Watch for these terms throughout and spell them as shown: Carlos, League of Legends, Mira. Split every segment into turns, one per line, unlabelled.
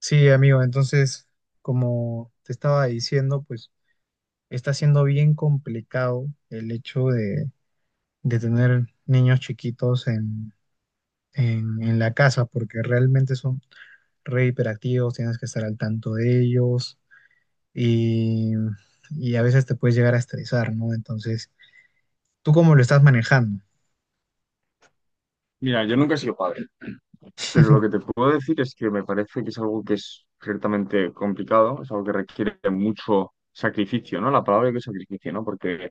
Sí, amigo, entonces, como te estaba diciendo, pues está siendo bien complicado el hecho de tener niños chiquitos en la casa, porque realmente son re hiperactivos, tienes que estar al tanto de ellos y, y, a veces te puedes llegar a estresar, ¿no? Entonces, ¿tú cómo lo estás manejando?
Mira, yo nunca he sido padre, pero lo que te puedo decir es que me parece que es algo que es ciertamente complicado, es algo que requiere mucho sacrificio, ¿no? La palabra que es sacrificio, ¿no? Porque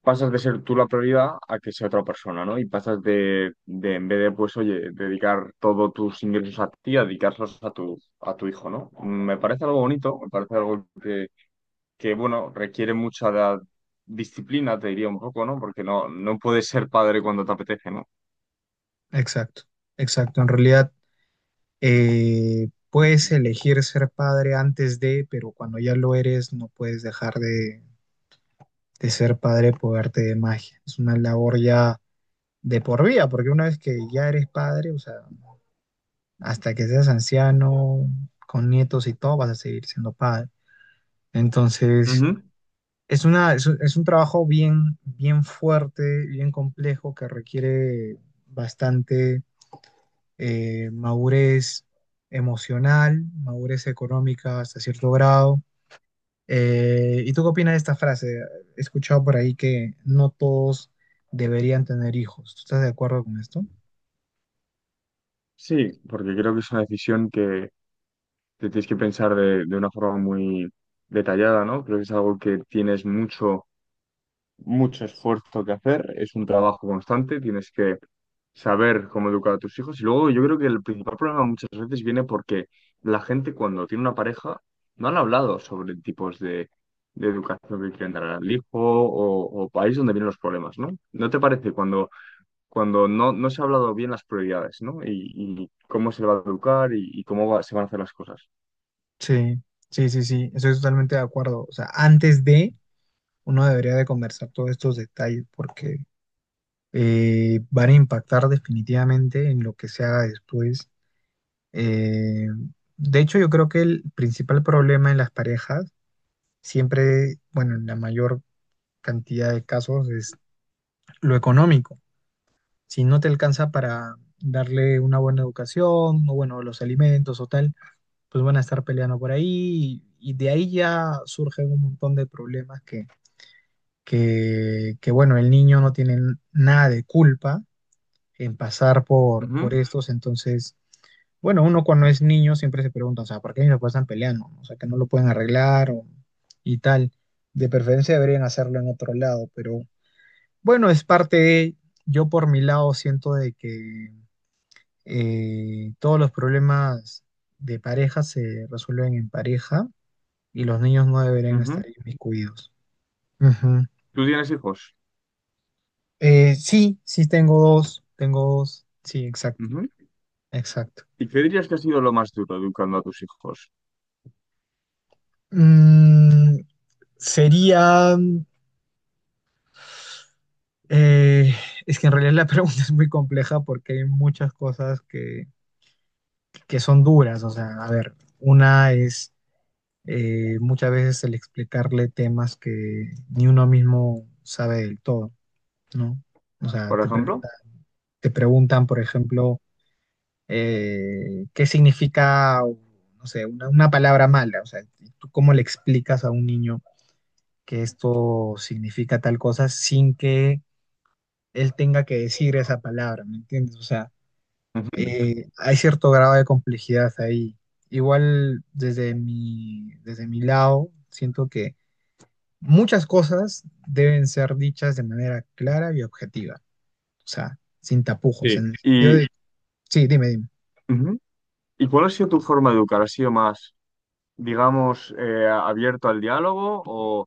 pasas de ser tú la prioridad a que sea otra persona, ¿no? Y pasas de en vez de, pues, oye, dedicar todos tus ingresos a ti, a dedicarlos a tu hijo, ¿no? Me parece algo bonito, me parece algo que bueno, requiere mucha disciplina, te diría un poco, ¿no? Porque no puedes ser padre cuando te apetece, ¿no?
Exacto, exacto. En realidad, puedes elegir ser padre antes de, pero cuando ya lo eres, no puedes dejar de ser padre por arte de magia. Es una labor ya de por vida, porque una vez que ya eres padre, o sea, hasta que seas anciano, con nietos y todo, vas a seguir siendo padre. Entonces,
Ujú.
es una, es, un trabajo bien, bien fuerte, bien complejo, que requiere bastante madurez emocional, madurez económica hasta cierto grado. ¿Y tú qué opinas de esta frase? He escuchado por ahí que no todos deberían tener hijos. ¿Tú estás de acuerdo con esto?
Sí, porque creo que es una decisión que te tienes que pensar de una forma muy detallada, ¿no? Creo que es algo que tienes mucho esfuerzo que hacer, es un trabajo constante, tienes que saber cómo educar a tus hijos. Y luego yo creo que el principal problema muchas veces viene porque la gente cuando tiene una pareja no han hablado sobre tipos de educación que quieren dar al hijo o país donde vienen los problemas, ¿no? ¿No te parece cuando no se ha hablado bien las prioridades, ¿no? Y cómo se le va a educar y se van a hacer las cosas.
Sí, sí, sí, sí, estoy totalmente de acuerdo. O sea, antes de, uno debería de conversar todos estos detalles porque van a impactar definitivamente en lo que se haga después. Eh, de hecho, yo creo que el principal problema en las parejas, siempre, bueno, en la mayor cantidad de casos, es lo económico. Si no te alcanza para darle una buena educación, o bueno, los alimentos o tal, pues van a estar peleando por ahí y de ahí ya surgen un montón de problemas que, bueno, el niño no tiene nada de culpa en pasar por
Ujú,
estos, entonces, bueno, uno cuando es niño siempre se pregunta, o sea, ¿por qué mis papás están peleando? O sea, ¿que no lo pueden arreglar o- y tal? De preferencia deberían hacerlo en otro lado, pero bueno, es parte de, yo por mi lado siento de que todos los problemas de pareja se resuelven en pareja y los niños no deberían estar
ujú.
inmiscuidos. Ujú.
¿Tú tienes hijos?
Sí, sí tengo dos, sí, exacto,
Ujú.
exacto.
¿Y qué dirías que ha sido lo más duro educando a tus hijos,
Mm, sería, eh, es que en realidad la pregunta es muy compleja porque hay muchas cosas que son duras, o sea, a ver, una es muchas veces el explicarle temas que ni uno mismo sabe del todo. ¿No? O ah, sea,
por
te pregunta-
ejemplo?
te preguntan, por ejemplo, qué significa, o, no sé, una palabra mala. O sea, ¿y ¿tú cómo le explicas a un niño que esto significa tal cosa sin que él tenga que decir esa palabra? ¿Me entiendes? O sea,
Ujú.
hay cierto grado de complejidad ahí. Igual desde mi lado, siento que muchas cosas deben ser dichas de manera clara y objetiva. O sea, sin tapujos, en
Sí.
el sentido
¿Y,
de... Sí, dime, dime.
ujú. ¿Y cuál ha sido tu forma de educar? ¿Ha sido más, digamos, abierto al diálogo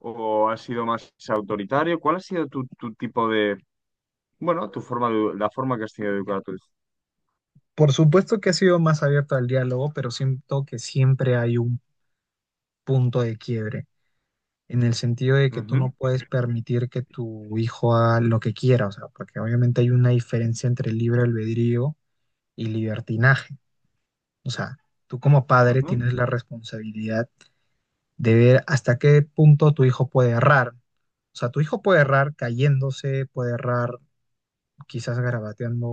o ha sido más autoritario? ¿Cuál ha sido tu, tu tipo de, bueno, tu forma de, la forma que has tenido de educar a tu hijo?
Por supuesto que ha sido más abierto al diálogo, pero siento que siempre hay un punto de quiebre, en el sentido de que tú no puedes permitir que tu hijo haga lo que quiera, o sea, porque obviamente hay una diferencia entre libre albedrío y libertinaje. O sea, tú como padre
Ujú,
tienes la responsabilidad de ver hasta qué punto tu hijo puede errar. O sea, tu hijo puede errar cayéndose, puede errar quizás garabateando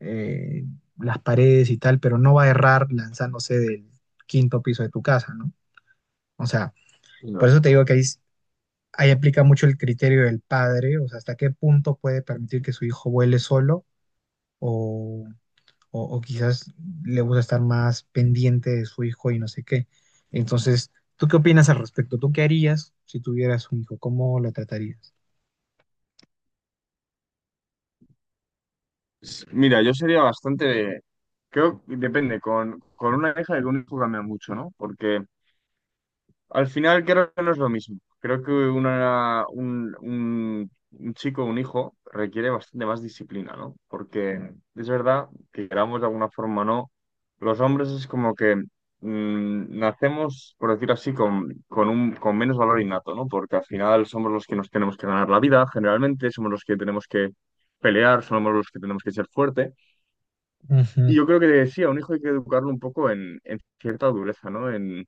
eh, las paredes y tal, pero no va a errar lanzándose del quinto piso de tu casa, ¿no? O sea, por
ujú.
eso te digo que ahí aplica mucho el criterio del padre, o sea, hasta qué punto puede permitir que su hijo vuele solo o, o quizás le gusta estar más pendiente de su hijo y no sé qué. Entonces, ¿tú qué opinas al respecto? ¿Tú qué harías si tuvieras un hijo? ¿Cómo lo tratarías?
Mira, yo sería bastante, creo que depende, con una hija y con un hijo cambia mucho, ¿no? Porque al final creo que no es lo mismo. Creo que un chico, un hijo, requiere bastante más disciplina, ¿no? Porque es verdad que queramos de alguna forma o no, los hombres es como que nacemos, por decir así, con menos valor innato, ¿no? Porque al final somos los que nos tenemos que ganar la vida, generalmente, somos los que tenemos que pelear, somos los que tenemos que ser fuertes. Y
Ujú.
yo creo que decía a un hijo hay que educarlo un poco en cierta dureza, ¿no? En,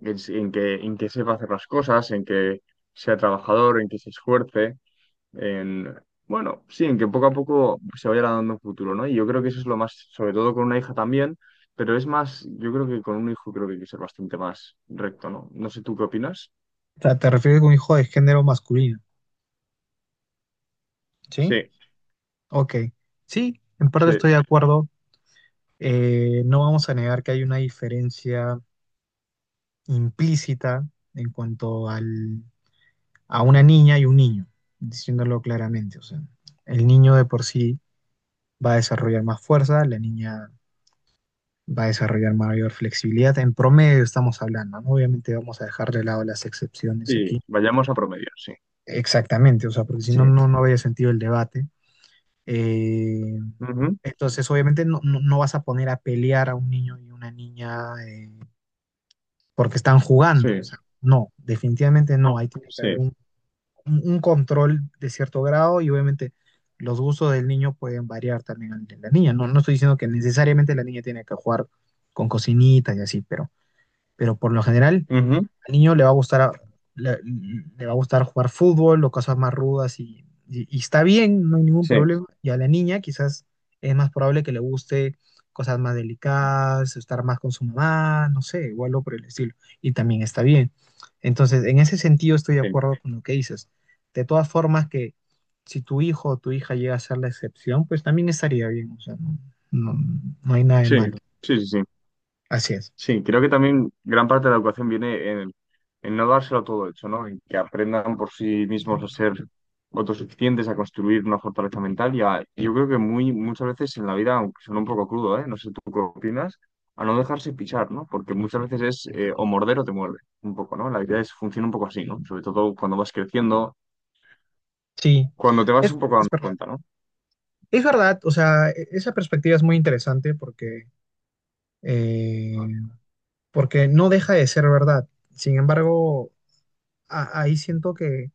en, En que sepa hacer las cosas, en que sea trabajador, en que se esfuerce, en, bueno, sí, en que poco a poco se vaya dando un futuro, ¿no? Y yo creo que eso es lo más, sobre todo con una hija también, pero es más, yo creo que con un hijo creo que hay que ser bastante más recto, ¿no? No sé, ¿tú qué opinas?
O sea, te refieres a un hijo de género masculino, ¿sí?
Sí,
Ok, sí, en parte
sí,
estoy de acuerdo. No vamos a negar que hay una diferencia implícita en cuanto al, a una niña y un niño, diciéndolo claramente. O sea, el niño de por sí va a desarrollar más fuerza, la niña va a desarrollar mayor flexibilidad. En promedio estamos hablando, ¿no? Obviamente vamos a dejar de lado las excepciones
sí,
aquí.
vayamos a promedio, sí.
Exactamente, o sea, porque si no,
Sí.
no, no habría sentido el debate. Eh,
Ujú,
entonces, obviamente, no, no vas a poner a pelear a un niño y una niña. Porque están jugando. O
sí.
sea, no, definitivamente no.
No.
Ahí tiene que haber
Sí.
un, un control de cierto grado y obviamente los gustos del niño pueden variar también al de la niña. No, no estoy diciendo que necesariamente la niña tiene que jugar con cocinitas y así, pero por lo general
Ujú,
al niño le va a gustar, le, le va a gustar jugar fútbol o cosas más rudas y, y está bien, no hay ningún
sí.
problema. Y a la niña quizás es más probable que le guste cosas más delicadas, estar más con su mamá, no sé, igual o algo por el estilo. Y también está bien. Entonces, en ese sentido estoy de
Sí.
acuerdo con lo que dices. De todas formas, que si tu hijo o tu hija llega a ser la excepción, pues también estaría bien. O sea, no, no- no hay nada de
Sí.
malo.
Sí. Sí. Sí.
Así es.
Sí, creo que también gran parte de la educación viene en no dárselo todo hecho, ¿no? En que aprendan por sí mismos a ser autosuficientes, a construir una fortaleza mental y a- yo creo que muchas veces en la vida, aunque suena un poco crudo, ¿eh? No sé tú qué opinas, a no dejarse pichar, ¿no? Porque muchas veces es o morder o te muerde, un poco, ¿no? La vida es, funciona un poco así, ¿no? Sobre todo cuando vas creciendo,
Sí,
cuando te vas un poco
es
dando
verdad.
cuenta, ¿no?
Es verdad, o sea, e- esa perspectiva es muy interesante porque, eh, porque no deja de ser verdad. Sin embargo, a- ahí siento que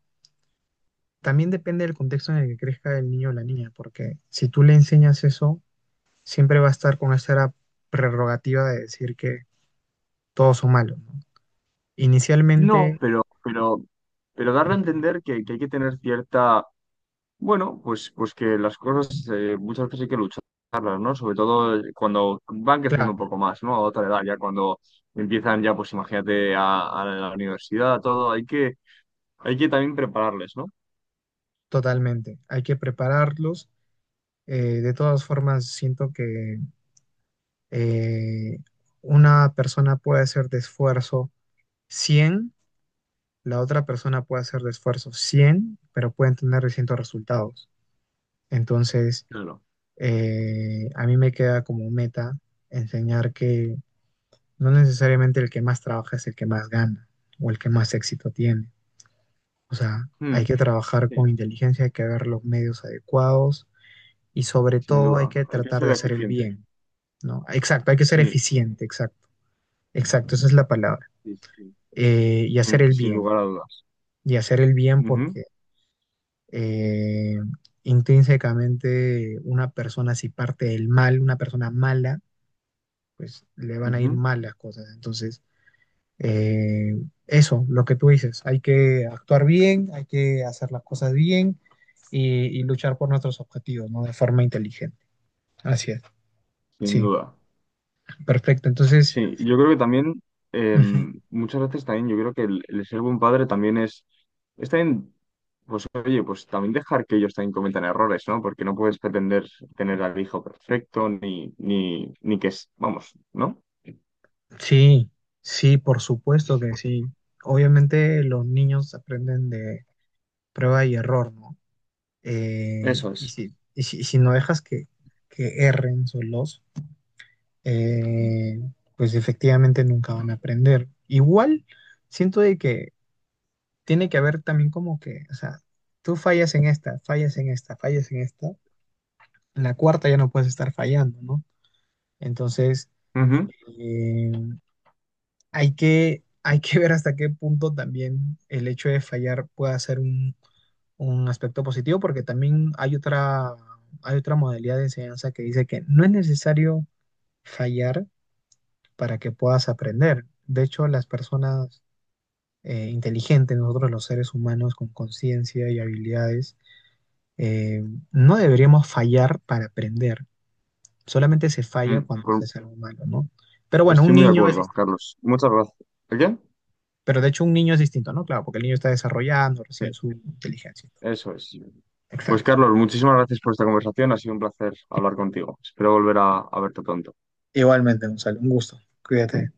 también depende del contexto en el que crezca el niño o la niña, porque si tú le enseñas eso, siempre va a estar con esa prerrogativa de decir que todos son malos, ¿no? Inicialmente,
No, pero, pero, pero darle a
ujú.
entender que hay que tener cierta. Bueno, pues, pues que las cosas muchas veces hay que lucharlas, ¿no? Sobre todo cuando van creciendo un
Claro,
poco más, ¿no? A otra edad, ya cuando empiezan ya, pues imagínate, a la universidad, a todo, hay que también prepararles, ¿no?
totalmente. Hay que prepararlos. De todas formas, siento que eh, una persona puede hacer de esfuerzo cien. La otra persona puede hacer de esfuerzo 100, pero pueden tener distintos resultados. Entonces,
Claro.
a mí me queda como meta enseñar que no necesariamente el que más trabaja es el que más gana o el que más éxito tiene. O sea, hay
Mm,
que trabajar con
sí,
inteligencia, hay que ver los medios adecuados y sobre
sin
todo hay
duda.
que
Hay que
tratar
ser
de hacer el
eficiente.
bien, ¿no? Exacto, hay que ser
Sí,
eficiente, exacto. Exacto, esa es la palabra.
sí, sí, sí.
Y hacer
Sin,
el
sin
bien.
lugar a dudas.
Y hacer el bien
Ujú,
porque eh, intrínsecamente una persona si parte del mal, una persona mala, pues le van a ir
ujú,
mal las cosas. Entonces, eh, eso, lo que tú dices, hay que actuar bien, hay que hacer las cosas bien y luchar por nuestros objetivos, ¿no? De forma inteligente. Así es,
sin
sí,
duda.
perfecto. Entonces,
Sí, yo creo que también,
ujú,
muchas veces también, yo creo que el ser buen padre también es también, pues oye, pues también dejar que ellos también cometan errores, ¿no? Porque no puedes pretender tener al hijo perfecto, ni, ni, ni que es, vamos, ¿no?
sí, sí, por supuesto que sí. Obviamente los niños aprenden de prueba y error, ¿no?
Eso es.
Y si no dejas que erren solos, eh, pues efectivamente nunca van a aprender. Igual siento de que tiene que haber también como que, o sea, tú fallas en esta, fallas en esta, fallas en esta, en la cuarta ya no puedes estar fallando, ¿no? Entonces,
Ujú.
eh, hay que ver hasta qué punto también el hecho de fallar puede ser un aspecto positivo porque también hay otra modalidad de enseñanza que dice que no es necesario fallar para que puedas aprender. De hecho, las personas inteligentes, nosotros los seres humanos con conciencia y habilidades, eh, no deberíamos fallar para aprender. Solamente se falla cuando
Pues
se es algo malo, ¿no? Pero bueno, un
estoy muy de
niño es
acuerdo,
distinto.
Carlos. Muchas gracias. ¿El qué?
Pero de hecho un niño es distinto, ¿no? Claro, porque el niño está desarrollando recién
Sí,
su inteligencia.
eso es. Pues
Exacto.
Carlos, muchísimas gracias por esta conversación, ha sido un placer hablar contigo. Espero volver a verte pronto.
Igualmente, Gonzalo, un gusto. Cuídate.